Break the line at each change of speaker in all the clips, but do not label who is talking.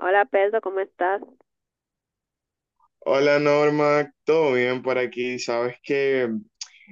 Hola Pedro, ¿cómo estás?
Hola Norma, todo bien por aquí. Sabes que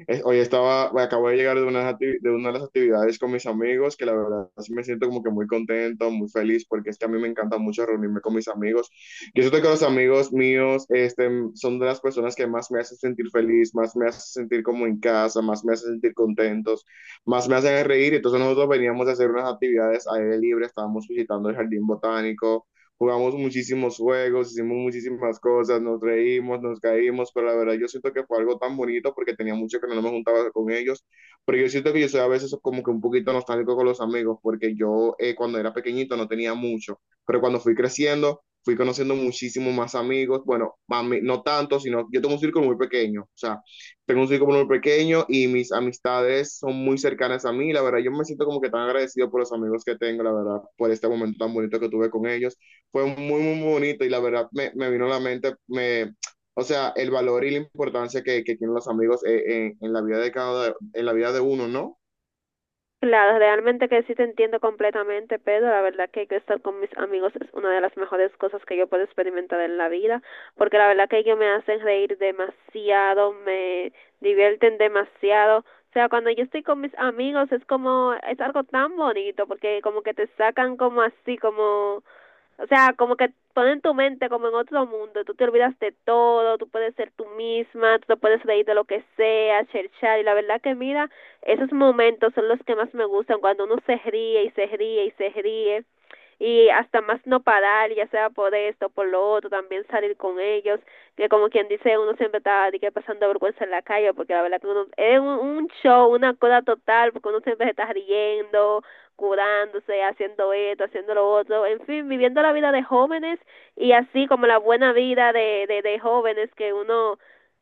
hoy estaba, acabo de llegar de de una de las actividades con mis amigos, que la verdad sí me siento como que muy contento, muy feliz, porque es que a mí me encanta mucho reunirme con mis amigos. Yo siento que los amigos míos, son de las personas que más me hacen sentir feliz, más me hacen sentir como en casa, más me hacen sentir contentos, más me hacen reír. Entonces nosotros veníamos a hacer unas actividades aire libre, estábamos visitando el jardín botánico. Jugamos muchísimos juegos, hicimos muchísimas cosas, nos reímos, nos caímos, pero la verdad yo siento que fue algo tan bonito porque tenía mucho que no me juntaba con ellos, pero yo siento que yo soy a veces como que un poquito nostálgico con los amigos porque yo cuando era pequeñito no tenía mucho, pero cuando fui creciendo fui conociendo muchísimos más amigos, bueno, mami, no tanto, sino yo tengo un círculo muy pequeño, o sea, tengo un círculo muy pequeño y mis amistades son muy cercanas a mí, la verdad yo me siento como que tan agradecido por los amigos que tengo, la verdad, por este momento tan bonito que tuve con ellos fue muy, muy bonito y la verdad me vino a la mente, o sea, el valor y la importancia que tienen los amigos en la vida de uno, ¿no?
Claro, realmente que sí te entiendo completamente, Pedro. La verdad que estar con mis amigos es una de las mejores cosas que yo puedo experimentar en la vida, porque la verdad que ellos me hacen reír demasiado, me divierten demasiado. O sea, cuando yo estoy con mis amigos es como, es algo tan bonito, porque como que te sacan como así, como o sea, como que ponen tu mente como en otro mundo, tú te olvidas de todo, tú puedes ser tú misma, tú te puedes reír de lo que sea, cherchar, y la verdad que mira, esos momentos son los que más me gustan, cuando uno se ríe y se ríe y se ríe y hasta más no parar, ya sea por esto, por lo otro, también salir con ellos, que como quien dice, uno siempre está de que pasando vergüenza en la calle, porque la verdad que uno, es un show, una cosa total, porque uno siempre se está riendo, curándose, haciendo esto, haciendo lo otro, en fin, viviendo la vida de jóvenes y así como la buena vida de jóvenes que uno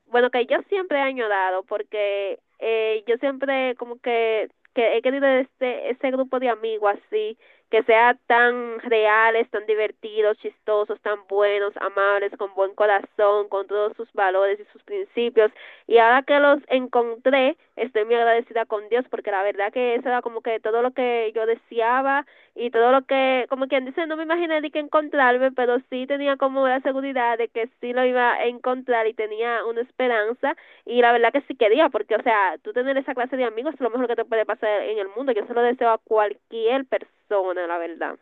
bueno, que yo siempre he añorado porque yo siempre como que he querido este, ese grupo de amigos así, que sea tan reales, tan divertidos, chistosos, tan buenos, amables, con buen corazón, con todos sus valores y sus principios. Y ahora que los encontré, estoy muy agradecida con Dios porque la verdad que eso era como que todo lo que yo deseaba y todo lo que, como quien dice, no me imaginé ni que encontrarme, pero sí tenía como la seguridad de que sí lo iba a encontrar y tenía una esperanza y la verdad que sí quería, porque o sea, tú tener esa clase de amigos es lo mejor que te puede pasar en el mundo, yo se lo deseo a cualquier persona, la verdad.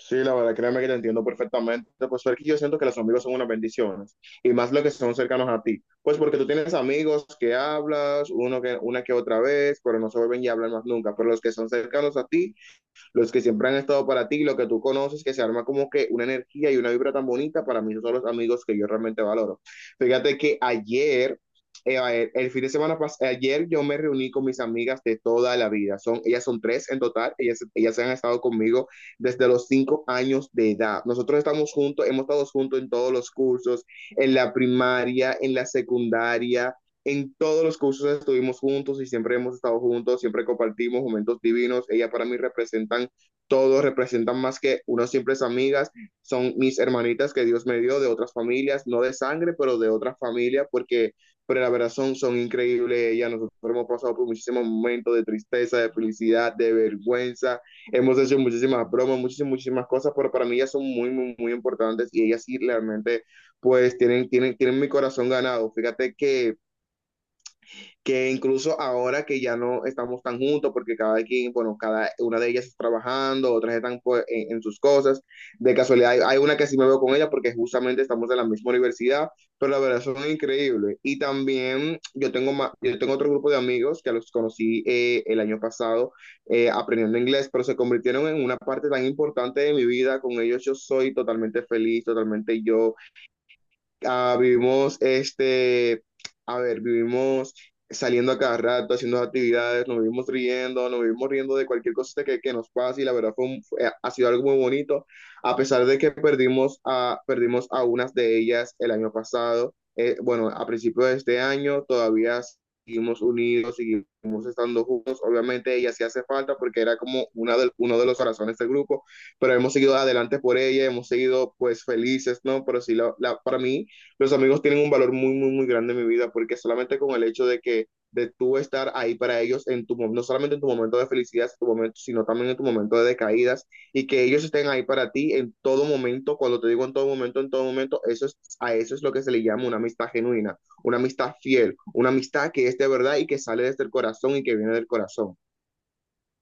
Sí, la verdad, créeme que te entiendo perfectamente. Pues porque yo siento que los amigos son unas bendiciones y más los que son cercanos a ti. Pues porque tú tienes amigos que hablas una que otra vez, pero no se vuelven y hablan más nunca. Pero los que son cercanos a ti, los que siempre han estado para ti, lo que tú conoces, que se arma como que una energía y una vibra tan bonita, para mí esos son los amigos que yo realmente valoro. Fíjate que ayer, el fin de semana pasado, ayer yo me reuní con mis amigas de toda la vida. Ellas son tres en total, ellas han estado conmigo desde los 5 años de edad. Nosotros estamos juntos, hemos estado juntos en todos los cursos, en la primaria, en la secundaria, en todos los cursos estuvimos juntos y siempre hemos estado juntos, siempre compartimos momentos divinos. Ella para mí representan todo, representan más que unas simples amigas. Son mis hermanitas que Dios me dio de otras familias, no de sangre, pero de otra familia, pero la verdad son increíbles. Ellas Nosotros hemos pasado por muchísimos momentos de tristeza, de felicidad, de vergüenza. Hemos hecho muchísimas bromas, muchísimas, muchísimas cosas, pero para mí ellas son muy, muy, muy importantes y ellas sí realmente, pues, tienen mi corazón ganado. Fíjate que incluso ahora que ya no estamos tan juntos, porque cada quien, bueno, cada una de ellas está trabajando, otras están pues, sus cosas, de casualidad hay una que sí me veo con ella porque justamente estamos en la misma universidad, pero la verdad son increíbles. Y también yo tengo otro grupo de amigos que los conocí el año pasado aprendiendo inglés, pero se convirtieron en una parte tan importante de mi vida, con ellos yo soy totalmente feliz, totalmente yo, ah, vivimos este, vivimos saliendo a cada rato, haciendo actividades, nos vivimos riendo de cualquier cosa que nos pase y la verdad ha sido algo muy bonito, a pesar de que perdimos a unas de ellas el año pasado, bueno, a principios de este año todavía seguimos unidos, seguimos estando juntos, obviamente ella sí hace falta porque era como uno de los corazones del grupo, pero hemos seguido adelante por ella, hemos seguido pues felices, ¿no? Pero sí, para mí. Los amigos tienen un valor muy, muy, muy grande en mi vida porque solamente con el hecho de tú estar ahí para ellos en no solamente en tu momento de felicidad, en tu momento, sino también en tu momento de caídas y que ellos estén ahí para ti en todo momento, cuando te digo en todo momento, eso es lo que se le llama una amistad genuina, una amistad fiel, una amistad que es de verdad y que sale desde el corazón y que viene del corazón.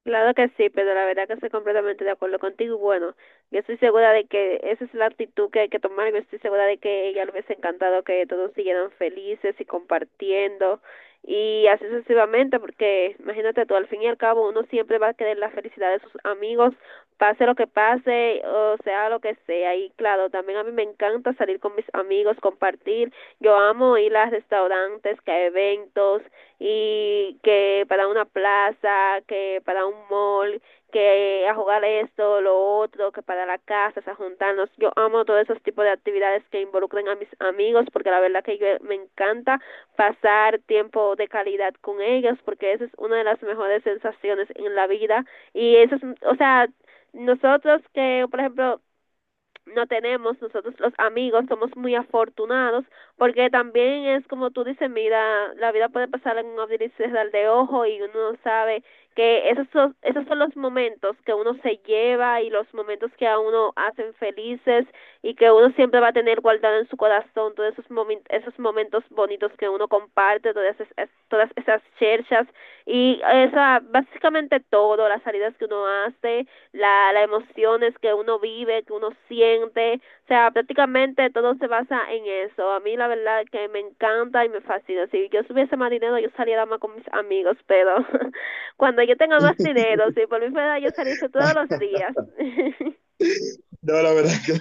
Claro que sí, pero la verdad que estoy completamente de acuerdo contigo. Bueno, yo estoy segura de que esa es la actitud que hay que tomar. Yo estoy segura de que ella le hubiese encantado que todos siguieran felices y compartiendo y así sucesivamente, porque imagínate tú, al fin y al cabo uno siempre va a querer la felicidad de sus amigos, pase lo que pase, o sea lo que sea. Y claro, también a mí me encanta salir con mis amigos, compartir. Yo amo ir a restaurantes, que a eventos y que para una plaza, que para un mall, que a jugar esto, lo otro, que para la casa, a juntarnos. Yo amo todos esos tipos de actividades que involucren a mis amigos porque la verdad que yo me encanta pasar tiempo de calidad con ellos porque esa es una de las mejores sensaciones en la vida y eso es, o sea, nosotros que, por ejemplo, no tenemos, nosotros los amigos somos muy afortunados, porque también es como tú dices, mira, la vida puede pasar en un abrir y cerrar de ojo y uno no sabe que esos son los momentos que uno se lleva y los momentos que a uno hacen felices y que uno siempre va a tener guardado en su corazón todos esos, momen, esos momentos bonitos que uno comparte, todas esas cherchas y esa, básicamente todo, las salidas que uno hace, la, las emociones que uno vive, que uno siente, o sea, prácticamente todo se basa en eso. A mí la verdad es que me encanta y me fascina. Si yo tuviese más dinero, yo saliera más con mis amigos, pero cuando yo tenga más dinero, si por mi fuera yo saliese todos los días.
No, la verdad que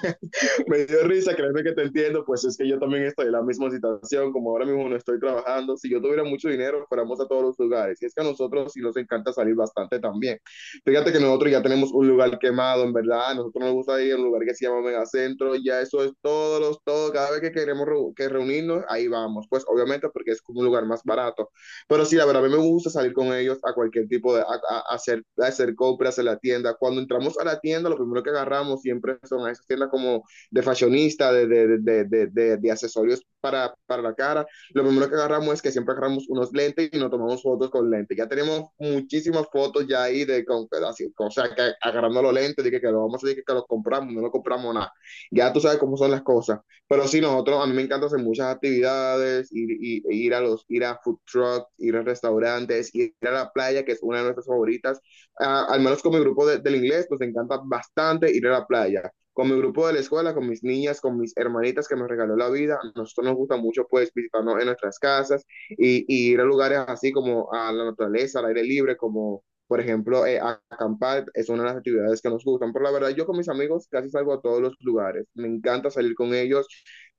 me dio risa, créeme que te entiendo, pues es que yo también estoy en la misma situación, como ahora mismo no estoy trabajando, si yo tuviera mucho dinero, fuéramos a todos los lugares, y es que a nosotros sí nos encanta salir bastante también. Fíjate que nosotros ya tenemos un lugar quemado, en verdad, a nosotros nos gusta ir a un lugar que se llama Megacentro, ya eso es todo, cada vez que queremos reu- que reunirnos, ahí vamos, pues obviamente porque es como un lugar más barato, pero sí, la verdad, a mí me gusta salir con ellos a cualquier tipo de, a hacer compras en la tienda, cuando entramos a la tienda, lo primero que agarramos siempre son a esas tiendas como de fashionista, de accesorios para, la cara. Lo primero que agarramos es que siempre agarramos unos lentes y nos tomamos fotos con lentes. Ya tenemos muchísimas fotos ya ahí de con, así, o sea, que agarrando los lentes, de que lo vamos a decir que lo compramos, no lo compramos nada. Ya tú sabes cómo son las cosas. Pero sí, nosotros, a mí me encanta hacer muchas actividades, ir a food trucks, ir a restaurantes, ir a la playa, que es una de nuestras favoritas. Al menos con mi grupo del inglés, nos encanta bastante ir a la playa con mi grupo de la escuela, con mis niñas, con mis hermanitas que nos regaló la vida. A nosotros nos gusta mucho pues visitarnos en nuestras casas y ir a lugares así como a la naturaleza, al aire libre, como por ejemplo acampar, es una de las actividades que nos gustan. Pero la verdad, yo con mis amigos casi salgo a todos los lugares. Me encanta salir con ellos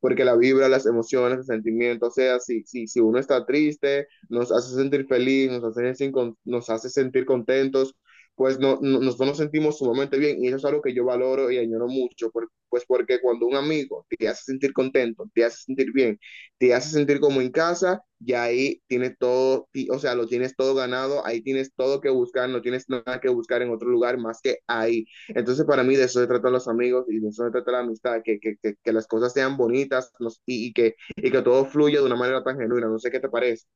porque la vibra, las emociones, el sentimiento, o sea, si uno está triste, nos hace sentir feliz, nos hace sentir contentos, pues nosotros nos sentimos sumamente bien y eso es algo que yo valoro y añoro mucho, pues porque cuando un amigo te hace sentir contento, te hace sentir bien, te hace sentir como en casa, y ahí tienes todo, o sea, lo tienes todo ganado, ahí tienes todo que buscar, no tienes nada que buscar en otro lugar más que ahí. Entonces para mí de eso se tratan los amigos y de eso se trata la amistad, que las cosas sean bonitas y que todo fluya de una manera tan genuina, no sé qué te parece.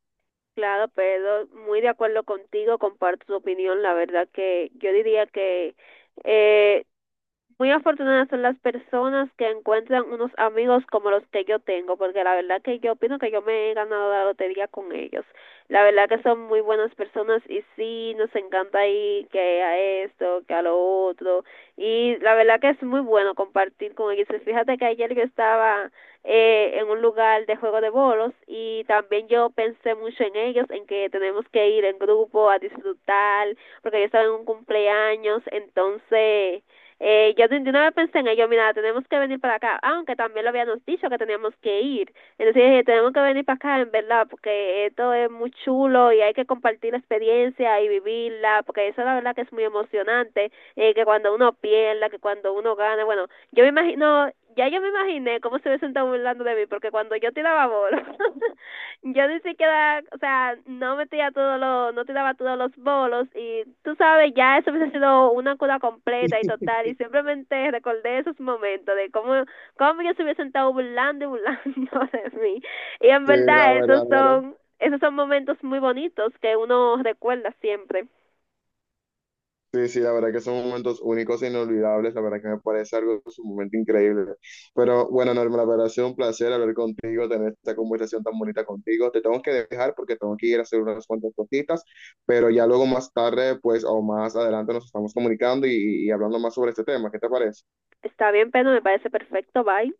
Claro, pero muy de acuerdo contigo, comparto tu opinión. La verdad que yo diría que eh, muy afortunadas son las personas que encuentran unos amigos como los que yo tengo, porque la verdad que yo opino que yo me he ganado la lotería con ellos. La verdad que son muy buenas personas y sí, nos encanta ir que a esto, que a lo otro. Y la verdad que es muy bueno compartir con ellos. Pues fíjate que ayer yo estaba en un lugar de juego de bolos y también yo pensé mucho en ellos, en que tenemos que ir en grupo a disfrutar, porque yo estaba en un cumpleaños, entonces yo de una vez pensé en ello, mira, tenemos que venir para acá, aunque también lo habíamos dicho que teníamos que ir. Entonces dije, tenemos que venir para acá, en verdad, porque esto es muy chulo y hay que compartir la experiencia y vivirla, porque eso la verdad que es muy emocionante que cuando uno pierda, que cuando uno gana, bueno, yo me imagino, ya yo me imaginé cómo se hubiesen estado burlando de mí, porque cuando yo tiraba bolos, yo ni siquiera, o sea, no metía todos los, no tiraba todos los bolos, y tú sabes, ya eso hubiese sido una cura completa y total, y simplemente recordé esos momentos de cómo, cómo ellos se hubiesen estado burlando y burlando de mí, y en
Sí, la
verdad
verdad, la verdad.
esos son momentos muy bonitos que uno recuerda siempre.
Sí, sí, la verdad que son momentos únicos e inolvidables, la verdad que me parece algo sumamente increíble. Pero bueno, Norma, la verdad ha sido un placer hablar contigo, tener esta conversación tan bonita contigo. Te tengo que dejar porque tengo que ir a hacer unas cuantas cositas, pero ya luego más tarde, pues, o más adelante nos estamos comunicando y hablando más sobre este tema. ¿Qué te parece?
Está bien, pero me parece perfecto, bye.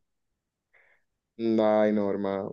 Ay, Norma.